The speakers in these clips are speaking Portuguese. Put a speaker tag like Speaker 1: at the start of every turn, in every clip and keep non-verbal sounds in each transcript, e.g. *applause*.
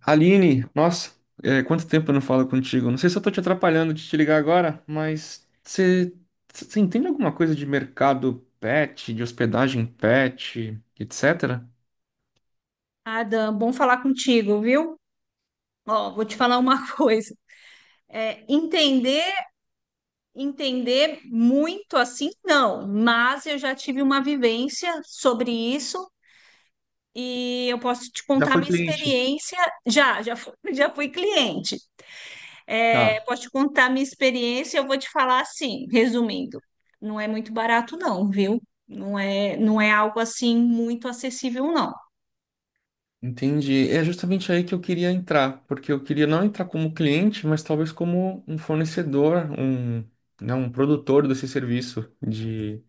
Speaker 1: Aline, nossa, quanto tempo eu não falo contigo? Não sei se eu tô te atrapalhando de te ligar agora, mas você entende alguma coisa de mercado pet, de hospedagem pet, etc?
Speaker 2: Adam, bom falar contigo, viu? Ó, vou te falar uma *laughs* coisa. É, entender, Entender muito assim, não, mas eu já tive uma vivência sobre isso e eu posso te
Speaker 1: Já
Speaker 2: contar
Speaker 1: foi
Speaker 2: minha
Speaker 1: cliente.
Speaker 2: experiência. *laughs* Já fui cliente. É,
Speaker 1: Tá.
Speaker 2: posso te contar minha experiência, eu vou te falar assim, resumindo. Não é muito barato, não, viu? Não é algo assim muito acessível, não.
Speaker 1: Entendi. É justamente aí que eu queria entrar, porque eu queria não entrar como cliente, mas talvez como um fornecedor, né, um produtor desse serviço de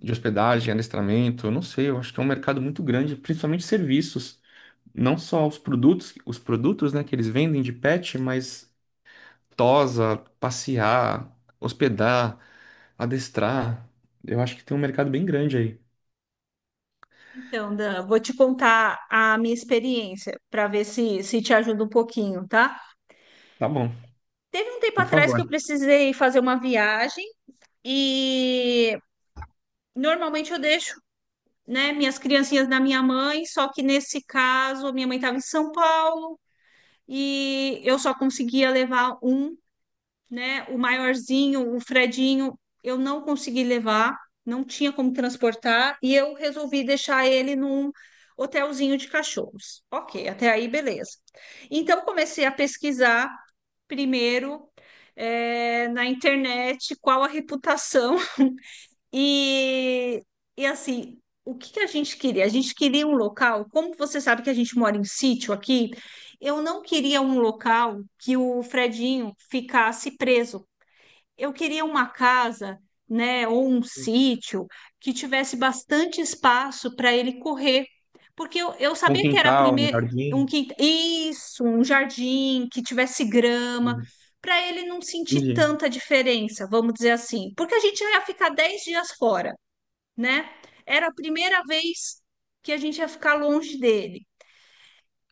Speaker 1: de hospedagem, adestramento, eu não sei, eu acho que é um mercado muito grande, principalmente serviços, não só os produtos, né, que eles vendem de pet, mas tosa, passear, hospedar, adestrar. Eu acho que tem um mercado bem grande aí.
Speaker 2: Então, Dan, vou te contar a minha experiência para ver se te ajuda um pouquinho, tá?
Speaker 1: Tá bom,
Speaker 2: Teve um tempo
Speaker 1: por
Speaker 2: atrás que eu
Speaker 1: favor.
Speaker 2: precisei fazer uma viagem e normalmente eu deixo, né, minhas criancinhas na minha mãe, só que nesse caso minha mãe estava em São Paulo e eu só conseguia levar um, né? O maiorzinho, o Fredinho, eu não consegui levar, não tinha como transportar, e eu resolvi deixar ele num hotelzinho de cachorros. Ok, até aí beleza. Então comecei a pesquisar primeiro na internet qual a reputação *laughs* e, e assim. O que que a gente queria? A gente queria um local, como você sabe que a gente mora em sítio aqui, eu não queria um local que o Fredinho ficasse preso, eu queria uma casa, né, ou um sítio que tivesse bastante espaço para ele correr, porque eu
Speaker 1: Um
Speaker 2: sabia que era
Speaker 1: quintal, um
Speaker 2: primeiro
Speaker 1: jardim.
Speaker 2: isso, um jardim que tivesse grama, para ele não sentir
Speaker 1: Entendi.
Speaker 2: tanta diferença, vamos dizer assim, porque a gente já ia ficar 10 dias fora, né? Era a primeira vez que a gente ia ficar longe dele.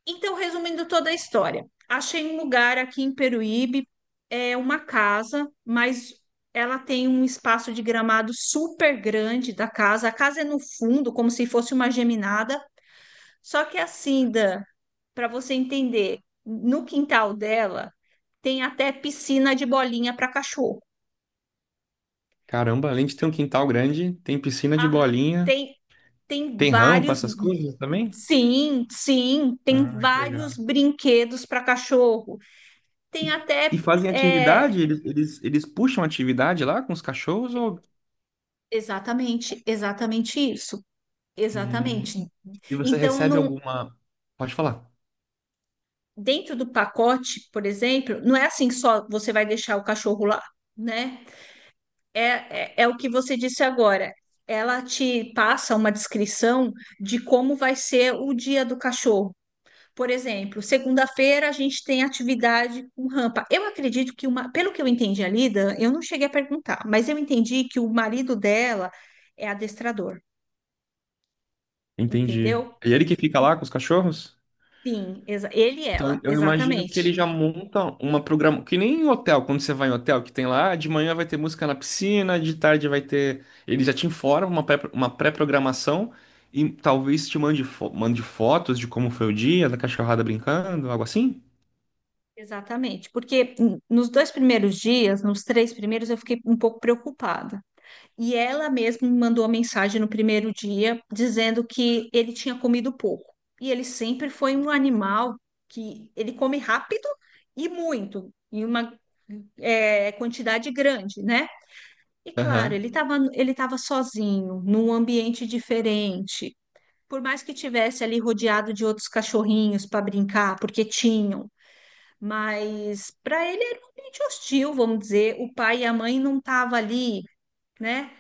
Speaker 2: Então, resumindo toda a história, achei um lugar aqui em Peruíbe, é uma casa, mas ela tem um espaço de gramado super grande da casa. A casa é no fundo, como se fosse uma geminada, só que assim, Dan, para você entender, no quintal dela tem até piscina de bolinha para cachorro.
Speaker 1: Caramba, além de ter um quintal grande, tem piscina de
Speaker 2: Ah,
Speaker 1: bolinha,
Speaker 2: tem tem
Speaker 1: tem rampa,
Speaker 2: vários,
Speaker 1: essas coisas também?
Speaker 2: sim, sim, tem
Speaker 1: Ah, que
Speaker 2: vários
Speaker 1: legal.
Speaker 2: brinquedos para cachorro. Tem
Speaker 1: E e
Speaker 2: até
Speaker 1: fazem
Speaker 2: é,
Speaker 1: atividade? Eles puxam atividade lá com os cachorros ou
Speaker 2: exatamente, exatamente isso.
Speaker 1: hum,
Speaker 2: Exatamente.
Speaker 1: e você
Speaker 2: Então,
Speaker 1: recebe
Speaker 2: não,
Speaker 1: alguma. Pode falar.
Speaker 2: dentro do pacote, por exemplo, não é assim só você vai deixar o cachorro lá, né? É, é o que você disse agora. Ela te passa uma descrição de como vai ser o dia do cachorro. Por exemplo, segunda-feira a gente tem atividade com rampa. Eu acredito que uma, pelo que eu entendi ali, Dan, eu não cheguei a perguntar, mas eu entendi que o marido dela é adestrador,
Speaker 1: Entendi.
Speaker 2: entendeu?
Speaker 1: É ele que fica lá com os cachorros?
Speaker 2: Sim, ele e
Speaker 1: Então
Speaker 2: ela,
Speaker 1: eu imagino que ele
Speaker 2: exatamente.
Speaker 1: já monta uma programa. Que nem em hotel, quando você vai em hotel, que tem lá, de manhã vai ter música na piscina, de tarde vai ter. Ele já te informa uma pré, uma pré-programação e talvez te mande, mande fotos de como foi o dia, da cachorrada brincando, algo assim?
Speaker 2: Exatamente. Porque nos dois primeiros dias, nos três primeiros, eu fiquei um pouco preocupada. E ela mesma me mandou uma mensagem no primeiro dia dizendo que ele tinha comido pouco. E ele sempre foi um animal que ele come rápido e muito, em uma quantidade grande, né? E claro,
Speaker 1: Aham.
Speaker 2: ele estava sozinho, num ambiente diferente. Por mais que tivesse ali rodeado de outros cachorrinhos para brincar, porque tinham, mas para ele era um ambiente hostil, vamos dizer. O pai e a mãe não estavam ali, né?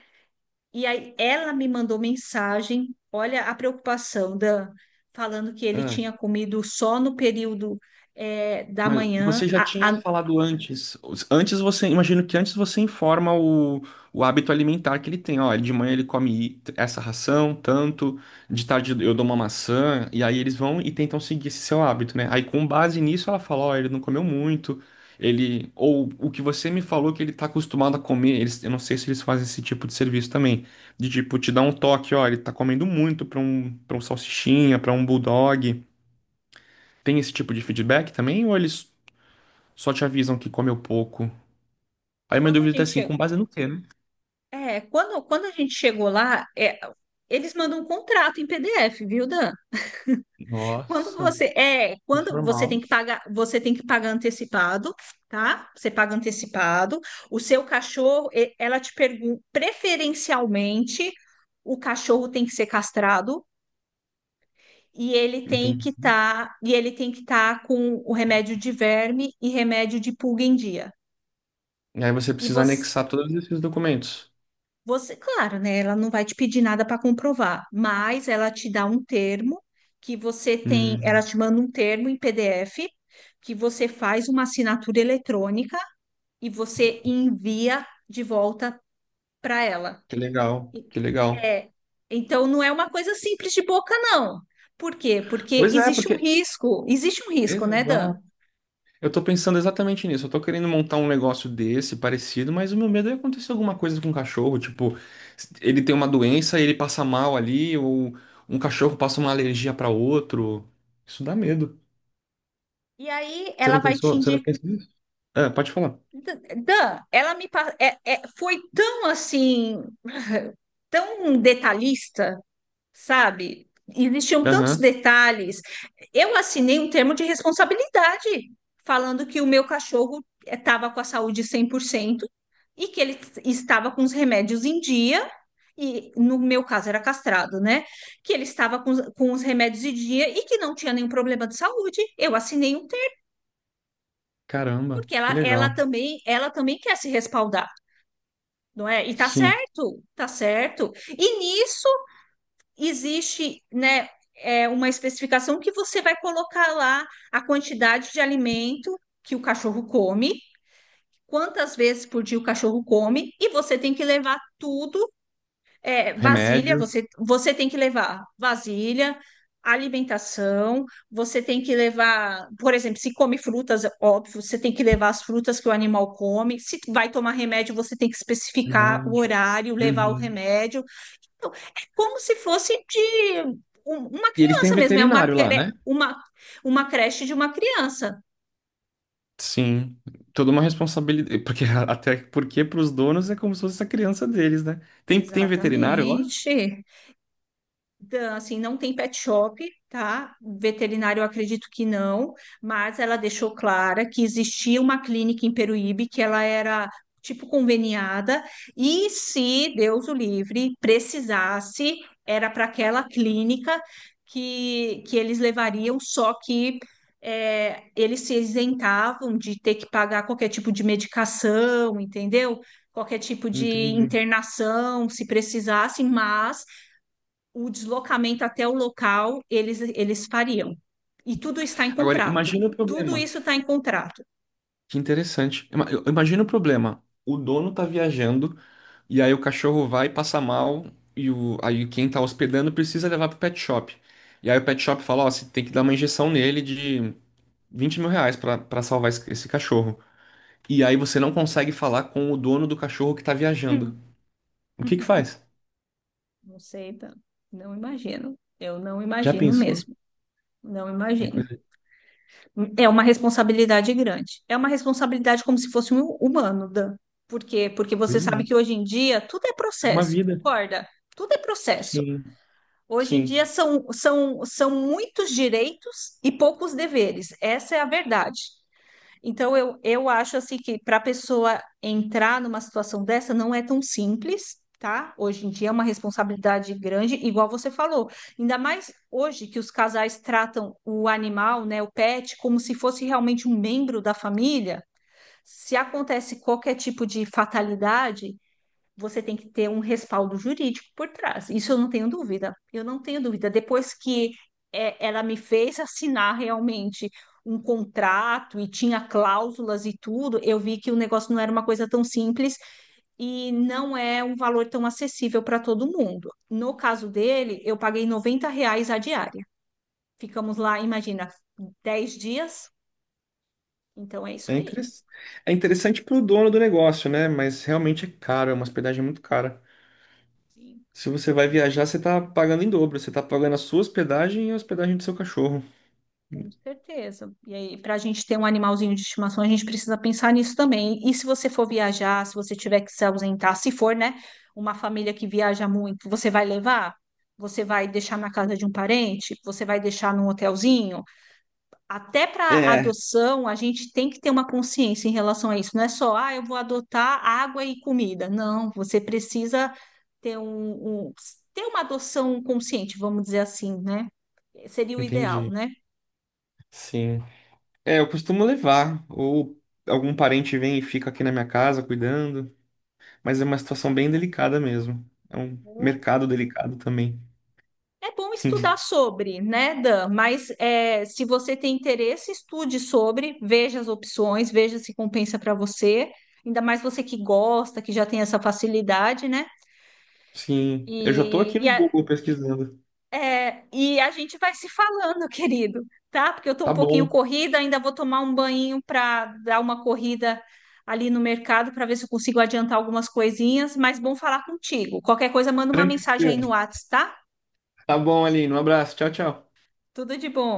Speaker 2: E aí ela me mandou mensagem, olha a preocupação, Dan, falando que ele tinha comido só no período da
Speaker 1: Mas
Speaker 2: manhã.
Speaker 1: você já tinha falado antes. Antes você, imagino que antes você informa o hábito alimentar que ele tem. Ó, de manhã ele come essa ração, tanto, de tarde eu dou uma maçã, e aí eles vão e tentam seguir esse seu hábito, né? Aí com base nisso ela fala, ó, ele não comeu muito, ele. Ou o que você me falou que ele tá acostumado a comer, eles, eu não sei se eles fazem esse tipo de serviço também. De tipo, te dar um toque, ó, ele tá comendo muito pra um salsichinha, pra um bulldog. Tem esse tipo de feedback também? Ou eles só te avisam que comeu pouco. Aí minha
Speaker 2: Quando a
Speaker 1: dúvida é
Speaker 2: gente
Speaker 1: assim,
Speaker 2: chegou,
Speaker 1: com base no quê, né?
Speaker 2: quando a gente chegou lá, eles mandam um contrato em PDF, viu, Dan?
Speaker 1: Nossa, que
Speaker 2: Quando você tem
Speaker 1: formal.
Speaker 2: que pagar, você tem que pagar antecipado, tá? Você paga antecipado. O seu cachorro, ela te pergunta, preferencialmente, o cachorro tem que ser castrado e ele tem que
Speaker 1: Entendi.
Speaker 2: estar, e ele tem que estar com o remédio de verme e remédio de pulga em dia.
Speaker 1: E aí você
Speaker 2: E
Speaker 1: precisa
Speaker 2: você
Speaker 1: anexar todos esses documentos.
Speaker 2: Você, claro, né? Ela não vai te pedir nada para comprovar, mas ela te dá um termo que você tem, ela
Speaker 1: Hum,
Speaker 2: te manda um termo em PDF que você faz uma assinatura eletrônica e você envia de volta para ela.
Speaker 1: que legal,
Speaker 2: E-
Speaker 1: que legal.
Speaker 2: É, então não é uma coisa simples de boca, não. Por quê? Porque
Speaker 1: Pois é,
Speaker 2: existe um
Speaker 1: porque.
Speaker 2: risco, existe um risco, né, Dan?
Speaker 1: Exato. Eu tô pensando exatamente nisso. Eu tô querendo montar um negócio desse, parecido, mas o meu medo é acontecer alguma coisa com o cachorro. Tipo, ele tem uma doença e ele passa mal ali, ou um cachorro passa uma alergia para outro. Isso dá medo.
Speaker 2: E aí
Speaker 1: Você
Speaker 2: ela
Speaker 1: não
Speaker 2: vai te
Speaker 1: pensou? Você não
Speaker 2: indicar.
Speaker 1: pensa nisso? Ah, pode falar.
Speaker 2: Dan, ela me pa- é- é- foi tão assim, tão detalhista, sabe? Existiam tantos
Speaker 1: Aham.
Speaker 2: detalhes. Eu assinei um termo de responsabilidade falando que o meu cachorro estava com a saúde 100% e que ele estava com os remédios em dia, e no meu caso era castrado, né? Que ele estava com, com os remédios em dia e que não tinha nenhum problema de saúde. Eu assinei um termo,
Speaker 1: Caramba,
Speaker 2: porque ela,
Speaker 1: que
Speaker 2: ela
Speaker 1: legal.
Speaker 2: também, ela também quer se respaldar, não é? E tá
Speaker 1: Sim,
Speaker 2: certo, tá certo. E nisso existe, né, é, uma especificação que você vai colocar lá a quantidade de alimento que o cachorro come, quantas vezes por dia o cachorro come, e você tem que levar tudo, é, vasilha,
Speaker 1: remédio,
Speaker 2: você tem que levar vasilha, alimentação, você tem que levar, por exemplo, se come frutas, óbvio, você tem que levar as frutas que o animal come, se vai tomar remédio, você tem que especificar o
Speaker 1: remédio.
Speaker 2: horário, levar o
Speaker 1: Uhum.
Speaker 2: remédio, então, é como se fosse de uma
Speaker 1: E eles têm
Speaker 2: criança mesmo, é uma,
Speaker 1: veterinário lá, né?
Speaker 2: uma creche de uma criança.
Speaker 1: Sim, toda uma responsabilidade, porque *laughs* até porque para os donos é como se fosse a criança deles, né? Tem, tem veterinário lá?
Speaker 2: Exatamente. Então, assim, não tem pet shop, tá? Veterinário, eu acredito que não, mas ela deixou clara que existia uma clínica em Peruíbe que ela era tipo conveniada e se Deus o livre precisasse, era para aquela clínica que eles levariam, só que é, eles se isentavam de ter que pagar qualquer tipo de medicação, entendeu? Qualquer tipo de
Speaker 1: Entendi.
Speaker 2: internação, se precisasse, mas o deslocamento até o local eles fariam. E tudo está em
Speaker 1: Agora,
Speaker 2: contrato.
Speaker 1: imagina o
Speaker 2: Tudo
Speaker 1: problema.
Speaker 2: isso está em contrato.
Speaker 1: Que interessante. Imagina o problema. O dono tá viajando e aí o cachorro vai passa mal aí quem tá hospedando precisa levar pro pet shop. E aí o pet shop fala, ó, você tem que dar uma injeção nele. R$ 20.000 pra salvar esse, esse cachorro. E aí você não consegue falar com o dono do cachorro que tá viajando.
Speaker 2: Hum.
Speaker 1: O que que
Speaker 2: *laughs*
Speaker 1: faz?
Speaker 2: Não sei, tá? Não imagino. Eu não
Speaker 1: Já
Speaker 2: imagino
Speaker 1: pensou?
Speaker 2: mesmo. Não
Speaker 1: É
Speaker 2: imagino.
Speaker 1: coisa.
Speaker 2: É uma responsabilidade grande. É uma responsabilidade como se fosse um humano, Dan. Por quê? Porque você
Speaker 1: Pois
Speaker 2: sabe
Speaker 1: é.
Speaker 2: que hoje em dia tudo é
Speaker 1: É uma
Speaker 2: processo,
Speaker 1: vida.
Speaker 2: concorda? Tudo é processo.
Speaker 1: Sim,
Speaker 2: Hoje em dia
Speaker 1: sim.
Speaker 2: são muitos direitos e poucos deveres. Essa é a verdade. Então, eu acho assim que para a pessoa entrar numa situação dessa não é tão simples, tá? Hoje em dia é uma responsabilidade grande, igual você falou. Ainda mais hoje que os casais tratam o animal, né, o pet, como se fosse realmente um membro da família. Se acontece qualquer tipo de fatalidade, você tem que ter um respaldo jurídico por trás. Isso eu não tenho dúvida. Eu não tenho dúvida. Depois que é, ela me fez assinar realmente um contrato e tinha cláusulas e tudo, eu vi que o negócio não era uma coisa tão simples e não é um valor tão acessível para todo mundo. No caso dele, eu paguei R$ reais a diária. Ficamos lá, imagina, 10 dias. Então é isso
Speaker 1: É
Speaker 2: aí.
Speaker 1: interessante. É interessante pro dono do negócio, né? Mas realmente é caro, é uma hospedagem muito cara.
Speaker 2: Sim.
Speaker 1: Se você vai
Speaker 2: Sim.
Speaker 1: viajar, você tá pagando em dobro. Você tá pagando a sua hospedagem e a hospedagem do seu cachorro.
Speaker 2: Com certeza. E aí, para a gente ter um animalzinho de estimação, a gente precisa pensar nisso também. E se você for viajar, se você tiver que se ausentar, se for, né, uma família que viaja muito, você vai levar? Você vai deixar na casa de um parente? Você vai deixar num hotelzinho? Até para
Speaker 1: É,
Speaker 2: adoção, a gente tem que ter uma consciência em relação a isso. Não é só, ah, eu vou adotar água e comida. Não, você precisa ter ter uma adoção consciente, vamos dizer assim, né? Seria o ideal,
Speaker 1: Entendi.
Speaker 2: né?
Speaker 1: Sim. É, eu costumo levar, ou algum parente vem e fica aqui na minha casa cuidando, mas é uma situação bem delicada mesmo. É um mercado delicado também.
Speaker 2: É bom estudar
Speaker 1: *laughs*
Speaker 2: sobre, né, Dan? Mas é, se você tem interesse, estude sobre, veja as opções, veja se compensa para você. Ainda mais você que gosta, que já tem essa facilidade, né?
Speaker 1: Sim, eu já tô
Speaker 2: E,
Speaker 1: aqui
Speaker 2: e,
Speaker 1: no
Speaker 2: a,
Speaker 1: Google pesquisando.
Speaker 2: e a gente vai se falando, *laughs* querido, tá? Porque eu tô um
Speaker 1: Tá
Speaker 2: pouquinho
Speaker 1: bom.
Speaker 2: corrida, ainda vou tomar um banho para dar uma corrida ali no mercado para ver se eu consigo adiantar algumas coisinhas. Mas bom falar contigo. Qualquer coisa, manda uma mensagem aí
Speaker 1: Tranquilo.
Speaker 2: no WhatsApp, tá?
Speaker 1: Tá bom, Aline. Um abraço. Tchau, tchau.
Speaker 2: Tudo de bom.